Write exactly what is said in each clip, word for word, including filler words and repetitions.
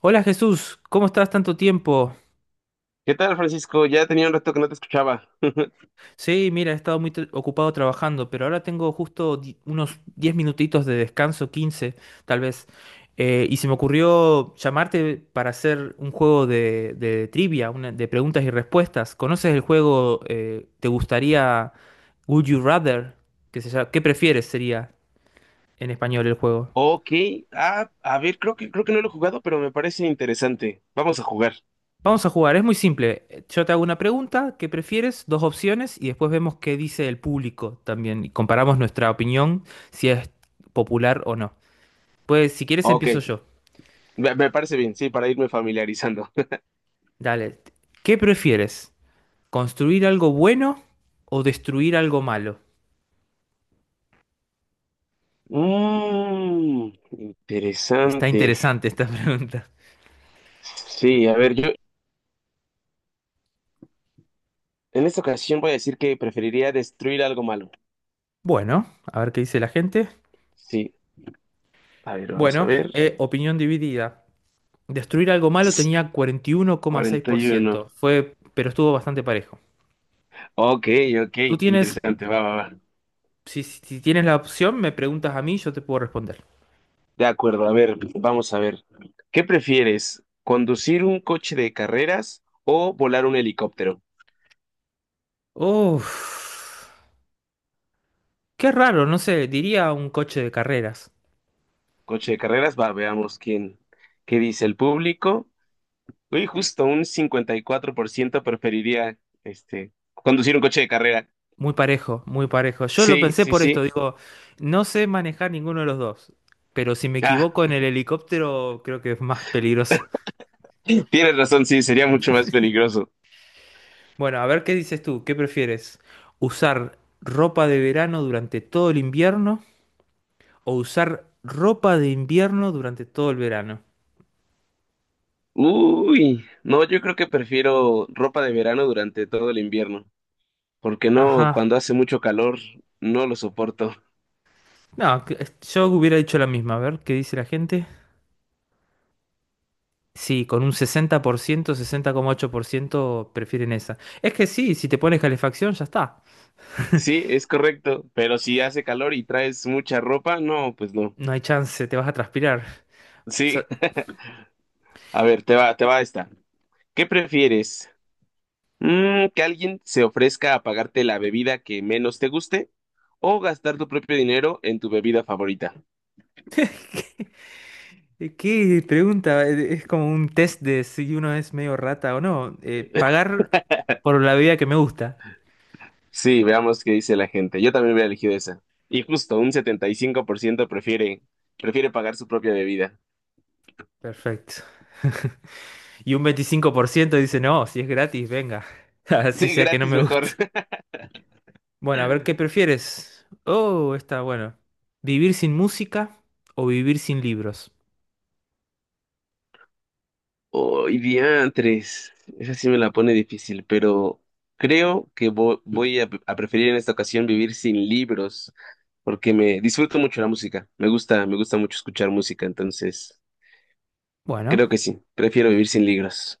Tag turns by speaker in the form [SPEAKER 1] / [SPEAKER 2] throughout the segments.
[SPEAKER 1] Hola Jesús, ¿cómo estás tanto tiempo?
[SPEAKER 2] ¿Qué tal, Francisco? Ya tenía un rato que no te escuchaba.
[SPEAKER 1] Sí, mira, he estado muy tra- ocupado trabajando, pero ahora tengo justo di- unos diez minutitos de descanso, quince, tal vez. Eh, y se me ocurrió llamarte para hacer un juego de, de trivia, una- de preguntas y respuestas. ¿Conoces el juego? Eh, ¿te gustaría Would You Rather? Que se llama- ¿qué prefieres sería en español el juego?
[SPEAKER 2] Ok, ah, a ver, creo que, creo que no lo he jugado, pero me parece interesante. Vamos a jugar.
[SPEAKER 1] Vamos a jugar, es muy simple. Yo te hago una pregunta, ¿qué prefieres? Dos opciones y después vemos qué dice el público también. Y comparamos nuestra opinión, si es popular o no. Pues si quieres
[SPEAKER 2] Ok,
[SPEAKER 1] empiezo yo.
[SPEAKER 2] me, me parece bien, sí, para irme familiarizando.
[SPEAKER 1] Dale, ¿qué prefieres? ¿Construir algo bueno o destruir algo malo?
[SPEAKER 2] Mmm,
[SPEAKER 1] Está
[SPEAKER 2] interesante.
[SPEAKER 1] interesante esta pregunta.
[SPEAKER 2] Sí, a ver, yo en esta ocasión voy a decir que preferiría destruir algo malo.
[SPEAKER 1] Bueno, a ver qué dice la gente.
[SPEAKER 2] Sí, a ver, vamos a
[SPEAKER 1] Bueno,
[SPEAKER 2] ver.
[SPEAKER 1] eh, opinión dividida. Destruir algo malo
[SPEAKER 2] Sí,
[SPEAKER 1] tenía
[SPEAKER 2] cuarenta y uno.
[SPEAKER 1] cuarenta y uno coma seis por ciento. Fue, pero estuvo bastante parejo.
[SPEAKER 2] Ok, ok,
[SPEAKER 1] Tú tienes.
[SPEAKER 2] interesante, va, va, va.
[SPEAKER 1] Si, si tienes la opción, me preguntas a mí, yo te puedo responder.
[SPEAKER 2] De acuerdo, a ver, vamos a ver. ¿Qué prefieres? ¿Conducir un coche de carreras o volar un helicóptero?
[SPEAKER 1] Uf, qué raro, no sé, diría un coche de carreras.
[SPEAKER 2] Coche de carreras, va, veamos quién, qué dice el público. Uy, justo un cincuenta y cuatro por ciento preferiría este, conducir un coche de carrera.
[SPEAKER 1] Muy parejo, muy parejo. Yo lo
[SPEAKER 2] Sí,
[SPEAKER 1] pensé
[SPEAKER 2] sí,
[SPEAKER 1] por esto,
[SPEAKER 2] sí.
[SPEAKER 1] digo, no sé manejar ninguno de los dos, pero si me
[SPEAKER 2] Ah,
[SPEAKER 1] equivoco en el helicóptero, creo que es más peligroso.
[SPEAKER 2] tienes razón, sí, sería mucho más peligroso.
[SPEAKER 1] Bueno, a ver qué dices tú, ¿qué prefieres? ¿Usar ropa de verano durante todo el invierno o usar ropa de invierno durante todo el verano?
[SPEAKER 2] Uy, no, yo creo que prefiero ropa de verano durante todo el invierno, porque no,
[SPEAKER 1] Ajá.
[SPEAKER 2] cuando hace mucho calor, no lo soporto.
[SPEAKER 1] No, que- yo hubiera dicho la misma. A ver, ¿qué dice la gente? Sí, con un sesenta sesenta por ciento, sesenta coma ocho por ciento prefieren esa. Es que sí, si te pones calefacción ya está.
[SPEAKER 2] Sí, es correcto, pero si hace calor y traes mucha ropa, no, pues no.
[SPEAKER 1] No hay chance, te vas a transpirar. O sea,
[SPEAKER 2] Sí, a ver, te va, te va esta. ¿Qué prefieres? Mm, ¿que alguien se ofrezca a pagarte la bebida que menos te guste o gastar tu propio dinero en tu bebida favorita?
[SPEAKER 1] ¿qué pregunta? Eh, Es como un test de si uno es medio rata o no. Eh, pagar por la bebida que me gusta.
[SPEAKER 2] Sí, veamos qué dice la gente. Yo también hubiera elegido esa. Y justo un setenta y cinco por ciento prefiere, prefiere pagar su propia bebida.
[SPEAKER 1] Perfecto. Y un veinticinco por ciento dice, no, si es gratis, venga. Así
[SPEAKER 2] Sí,
[SPEAKER 1] sea que no
[SPEAKER 2] gratis
[SPEAKER 1] me gusta.
[SPEAKER 2] mejor.
[SPEAKER 1] Bueno, a ver qué prefieres. Oh, está bueno. ¿Vivir sin música o vivir sin libros?
[SPEAKER 2] Hoy diantres, esa sí me la pone difícil, pero creo que vo- voy a, a preferir en esta ocasión vivir sin libros, porque me disfruto mucho la música. Me gusta, me gusta mucho escuchar música, entonces
[SPEAKER 1] Bueno.
[SPEAKER 2] creo que sí, prefiero vivir sin libros,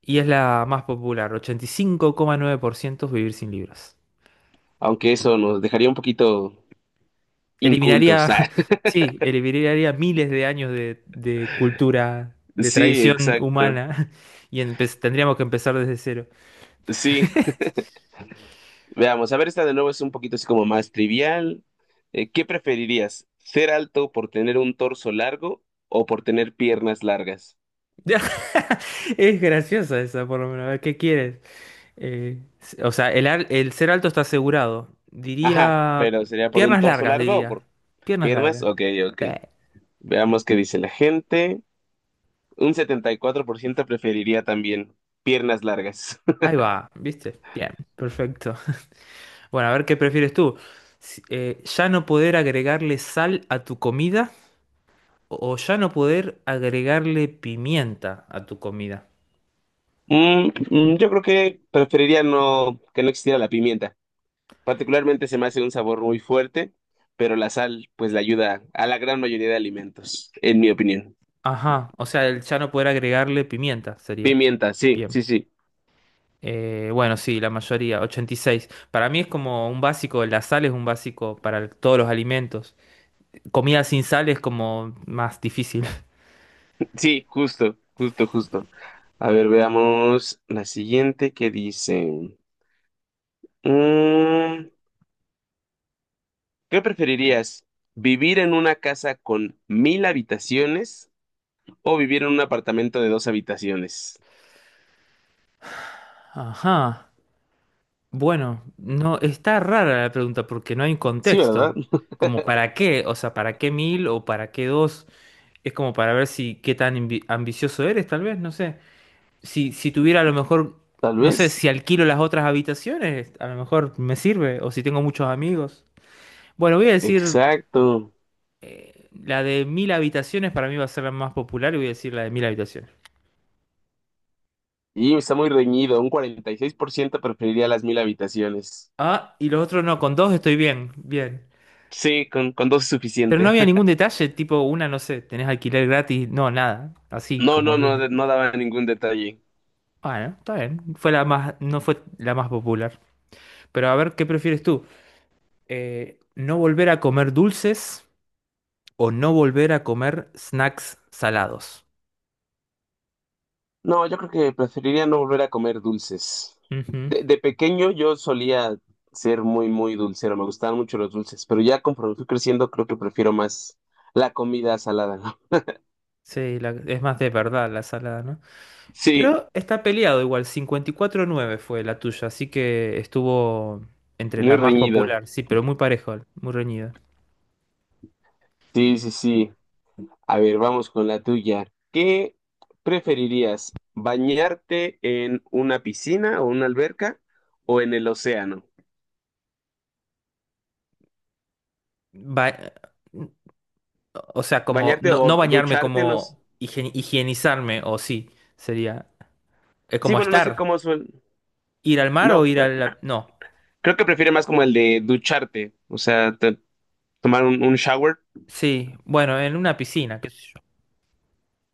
[SPEAKER 1] Y es la más popular, ochenta y cinco coma nueve por ciento es vivir sin libros.
[SPEAKER 2] aunque eso nos dejaría un poquito
[SPEAKER 1] Eliminaría,
[SPEAKER 2] incultos. ah.
[SPEAKER 1] sí, eliminaría miles de años de, de cultura, de
[SPEAKER 2] Sí,
[SPEAKER 1] tradición
[SPEAKER 2] exacto.
[SPEAKER 1] humana, y empe- tendríamos que empezar desde cero.
[SPEAKER 2] Sí, veamos, a ver, esta de nuevo es un poquito así como más trivial. Eh, ¿qué preferirías? ¿Ser alto por tener un torso largo o por tener piernas largas?
[SPEAKER 1] Es graciosa esa, por lo menos. A ver, ¿qué quieres? Eh, o sea, el, al- el ser alto está asegurado.
[SPEAKER 2] Ajá,
[SPEAKER 1] Diría,
[SPEAKER 2] pero ¿sería por un
[SPEAKER 1] piernas
[SPEAKER 2] torso
[SPEAKER 1] largas,
[SPEAKER 2] largo o
[SPEAKER 1] diría.
[SPEAKER 2] por
[SPEAKER 1] Piernas
[SPEAKER 2] piernas?
[SPEAKER 1] largas.
[SPEAKER 2] Ok, ok.
[SPEAKER 1] Sí,
[SPEAKER 2] Veamos qué dice la gente. Un setenta y cuatro por ciento preferiría también piernas largas.
[SPEAKER 1] ahí va, ¿viste? Bien, perfecto. Bueno, a ver qué prefieres tú. Si- eh, ¿ya no poder agregarle sal a tu comida o ya no poder agregarle pimienta a tu comida?
[SPEAKER 2] Mm, mm, yo creo que preferiría no, que no existiera la pimienta. Particularmente se me hace un sabor muy fuerte, pero la sal pues le ayuda a la gran mayoría de alimentos, en mi opinión.
[SPEAKER 1] Ajá, o sea, el ya no poder agregarle pimienta sería.
[SPEAKER 2] Pimienta, sí,
[SPEAKER 1] Bien.
[SPEAKER 2] sí, sí.
[SPEAKER 1] Eh, bueno, sí, la mayoría, ochenta y seis. Para mí es como un básico, la sal es un básico para el- todos los alimentos. Comida sin sal es como más difícil.
[SPEAKER 2] Sí, justo, justo, justo. A ver, veamos la siguiente que dice. Mm, ¿qué preferirías? ¿Vivir en una casa con mil habitaciones o vivir en un apartamento de dos habitaciones?
[SPEAKER 1] Ajá. Bueno, no, está rara la pregunta porque no hay un
[SPEAKER 2] Sí, ¿verdad?
[SPEAKER 1] contexto. Como para qué, o sea, para qué mil o para qué dos. Es como para ver si qué tan ambi- ambicioso eres, tal vez, no sé. Si, si tuviera a lo mejor,
[SPEAKER 2] Tal
[SPEAKER 1] no sé, si
[SPEAKER 2] vez.
[SPEAKER 1] alquilo las otras habitaciones, a lo mejor me sirve, o si tengo muchos amigos. Bueno, voy a decir,
[SPEAKER 2] Exacto.
[SPEAKER 1] eh, la de mil habitaciones para mí va a ser la más popular y voy a decir la de mil habitaciones.
[SPEAKER 2] Y está muy reñido. Un cuarenta y seis por ciento preferiría las mil habitaciones.
[SPEAKER 1] Ah, y los otros no, con dos estoy bien, bien.
[SPEAKER 2] Sí, con, con dos es
[SPEAKER 1] Pero no
[SPEAKER 2] suficiente.
[SPEAKER 1] había ningún detalle, tipo una, no sé, tenés alquiler gratis, no, nada, así
[SPEAKER 2] No,
[SPEAKER 1] como
[SPEAKER 2] no,
[SPEAKER 1] viene.
[SPEAKER 2] no, no daba ningún detalle.
[SPEAKER 1] Bueno, está bien, fue la más, no fue la más popular. Pero a ver, ¿qué prefieres tú? Eh, ¿no volver a comer dulces o no volver a comer snacks salados?
[SPEAKER 2] No, yo creo que preferiría no volver a comer dulces.
[SPEAKER 1] Ujú.
[SPEAKER 2] De, de pequeño yo solía ser muy, muy dulcero, me gustaban mucho los dulces, pero ya conforme fui creciendo creo que prefiero más la comida salada, ¿no?
[SPEAKER 1] Sí, la- es más de verdad la salada, ¿no?
[SPEAKER 2] Sí,
[SPEAKER 1] Pero está peleado igual, cincuenta y cuatro nueve fue la tuya, así que estuvo entre
[SPEAKER 2] muy
[SPEAKER 1] la más
[SPEAKER 2] reñido.
[SPEAKER 1] popular, sí, pero muy parejo, muy reñido.
[SPEAKER 2] Sí, sí, sí. A ver, vamos con la tuya. ¿Qué preferirías, bañarte en una piscina o una alberca o en el océano?
[SPEAKER 1] Va, o sea, como
[SPEAKER 2] Bañarte
[SPEAKER 1] no, no
[SPEAKER 2] o
[SPEAKER 1] bañarme,
[SPEAKER 2] ducharte, no sé.
[SPEAKER 1] como higie- higienizarme, o sí, sería. Es
[SPEAKER 2] Sí,
[SPEAKER 1] como
[SPEAKER 2] bueno, no sé
[SPEAKER 1] estar.
[SPEAKER 2] cómo suena.
[SPEAKER 1] Ir al mar o
[SPEAKER 2] No.
[SPEAKER 1] ir a la. No.
[SPEAKER 2] Creo que prefiere más como el de ducharte, o sea, te- tomar un, un shower.
[SPEAKER 1] Sí, bueno, en una piscina. Qué sé yo.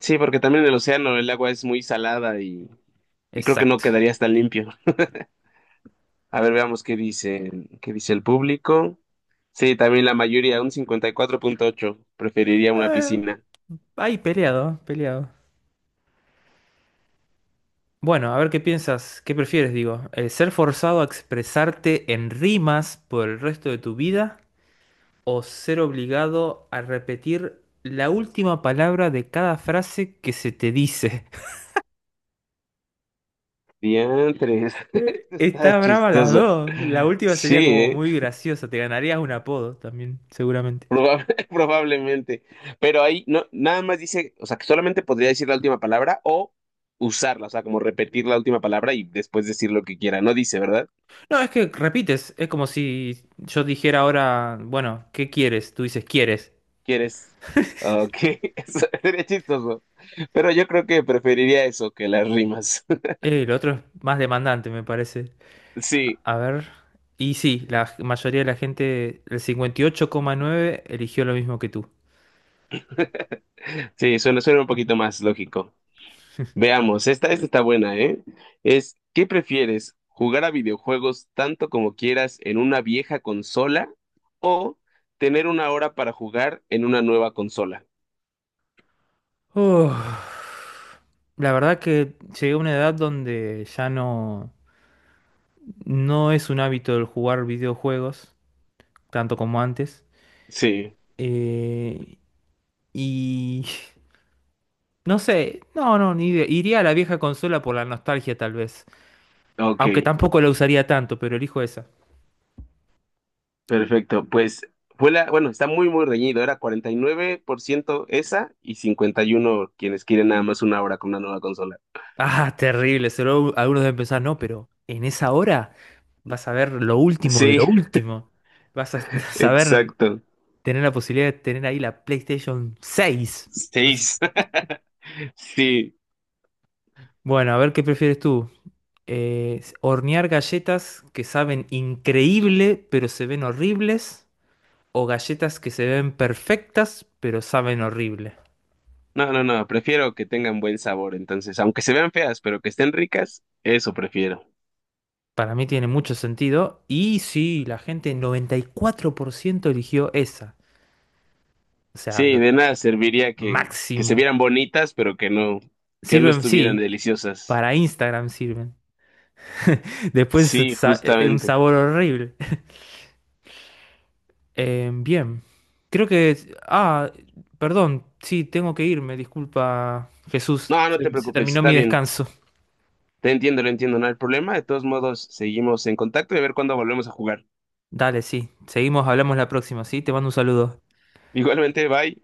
[SPEAKER 2] Sí, porque también en el océano el agua es muy salada y, y creo que no
[SPEAKER 1] Exacto.
[SPEAKER 2] quedaría tan limpio. A ver, veamos qué dice, qué dice el público. Sí, también la mayoría, un cincuenta y cuatro punto ocho preferiría una
[SPEAKER 1] Ah,
[SPEAKER 2] piscina.
[SPEAKER 1] ahí peleado, peleado. Bueno, a ver qué piensas, qué prefieres, digo. Eh, ¿ser forzado a expresarte en rimas por el resto de tu vida o ser obligado a repetir la última palabra de cada frase que se te dice?
[SPEAKER 2] Diantres, está
[SPEAKER 1] Está brava las
[SPEAKER 2] chistoso.
[SPEAKER 1] dos. La última
[SPEAKER 2] Sí,
[SPEAKER 1] sería como
[SPEAKER 2] ¿eh?
[SPEAKER 1] muy graciosa. Te ganarías un apodo también, seguramente.
[SPEAKER 2] Probable- probablemente. Pero ahí no, nada más dice, o sea, que solamente podría decir la última palabra o usarla, o sea, como repetir la última palabra y después decir lo que quiera. No dice, ¿verdad?
[SPEAKER 1] No, es que repites. Es como si yo dijera ahora, bueno, ¿qué quieres? Tú dices, ¿quieres?
[SPEAKER 2] ¿Quieres? Ok, eso sería chistoso. Pero yo creo que preferiría eso que las rimas.
[SPEAKER 1] Eh, el otro es más demandante, me parece. A
[SPEAKER 2] Sí,
[SPEAKER 1] a ver. Y sí, la mayoría de la gente, el cincuenta y ocho coma nueve eligió lo mismo que tú.
[SPEAKER 2] sí, suena, suena un poquito más lógico. Veamos, esta, esta está buena, ¿eh? Es, ¿qué prefieres? ¿Jugar a videojuegos tanto como quieras en una vieja consola o tener una hora para jugar en una nueva consola?
[SPEAKER 1] Uf. La verdad que llegué a una edad donde ya no, no es un hábito el jugar videojuegos, tanto como antes.
[SPEAKER 2] Sí,
[SPEAKER 1] Eh, y no sé, no, no, ni idea. Iría a la vieja consola por la nostalgia tal vez.
[SPEAKER 2] ok,
[SPEAKER 1] Aunque tampoco la usaría tanto, pero elijo esa.
[SPEAKER 2] perfecto. Pues fue la, bueno, está muy, muy reñido. Era cuarenta y nueve por ciento esa y cincuenta y uno por ciento quienes quieren nada más una hora con una nueva consola.
[SPEAKER 1] Ah, terrible, solo algunos deben pensar, no, pero en esa hora vas a ver lo último de
[SPEAKER 2] Sí,
[SPEAKER 1] lo último. Vas a saber
[SPEAKER 2] exacto.
[SPEAKER 1] tener la posibilidad de tener ahí la PlayStation seis. No sé.
[SPEAKER 2] Seis. Sí,
[SPEAKER 1] Bueno, a ver qué prefieres tú. Eh, hornear galletas que saben increíble, pero se ven horribles, o galletas que se ven perfectas pero saben horrible.
[SPEAKER 2] no, no, no, prefiero que tengan buen sabor, entonces, aunque se vean feas, pero que estén ricas, eso prefiero.
[SPEAKER 1] Para mí tiene mucho sentido y sí, la gente noventa y cuatro por ciento eligió esa. O sea,
[SPEAKER 2] Sí, de nada serviría que, que se
[SPEAKER 1] máximo.
[SPEAKER 2] vieran bonitas, pero que no, que no
[SPEAKER 1] Sirven,
[SPEAKER 2] estuvieran
[SPEAKER 1] sí,
[SPEAKER 2] deliciosas.
[SPEAKER 1] para Instagram sirven. Después
[SPEAKER 2] Sí,
[SPEAKER 1] sa- eh, un
[SPEAKER 2] justamente.
[SPEAKER 1] sabor horrible. Eh, bien, creo que... Ah, perdón, sí, tengo que irme, disculpa Jesús.
[SPEAKER 2] No, no te
[SPEAKER 1] se se
[SPEAKER 2] preocupes,
[SPEAKER 1] terminó
[SPEAKER 2] está
[SPEAKER 1] mi
[SPEAKER 2] bien.
[SPEAKER 1] descanso.
[SPEAKER 2] Te entiendo, lo entiendo, no hay problema. De todos modos, seguimos en contacto y a ver cuándo volvemos a jugar.
[SPEAKER 1] Dale, sí. Seguimos, hablamos la próxima, ¿sí? Te mando un saludo.
[SPEAKER 2] Igualmente, bye.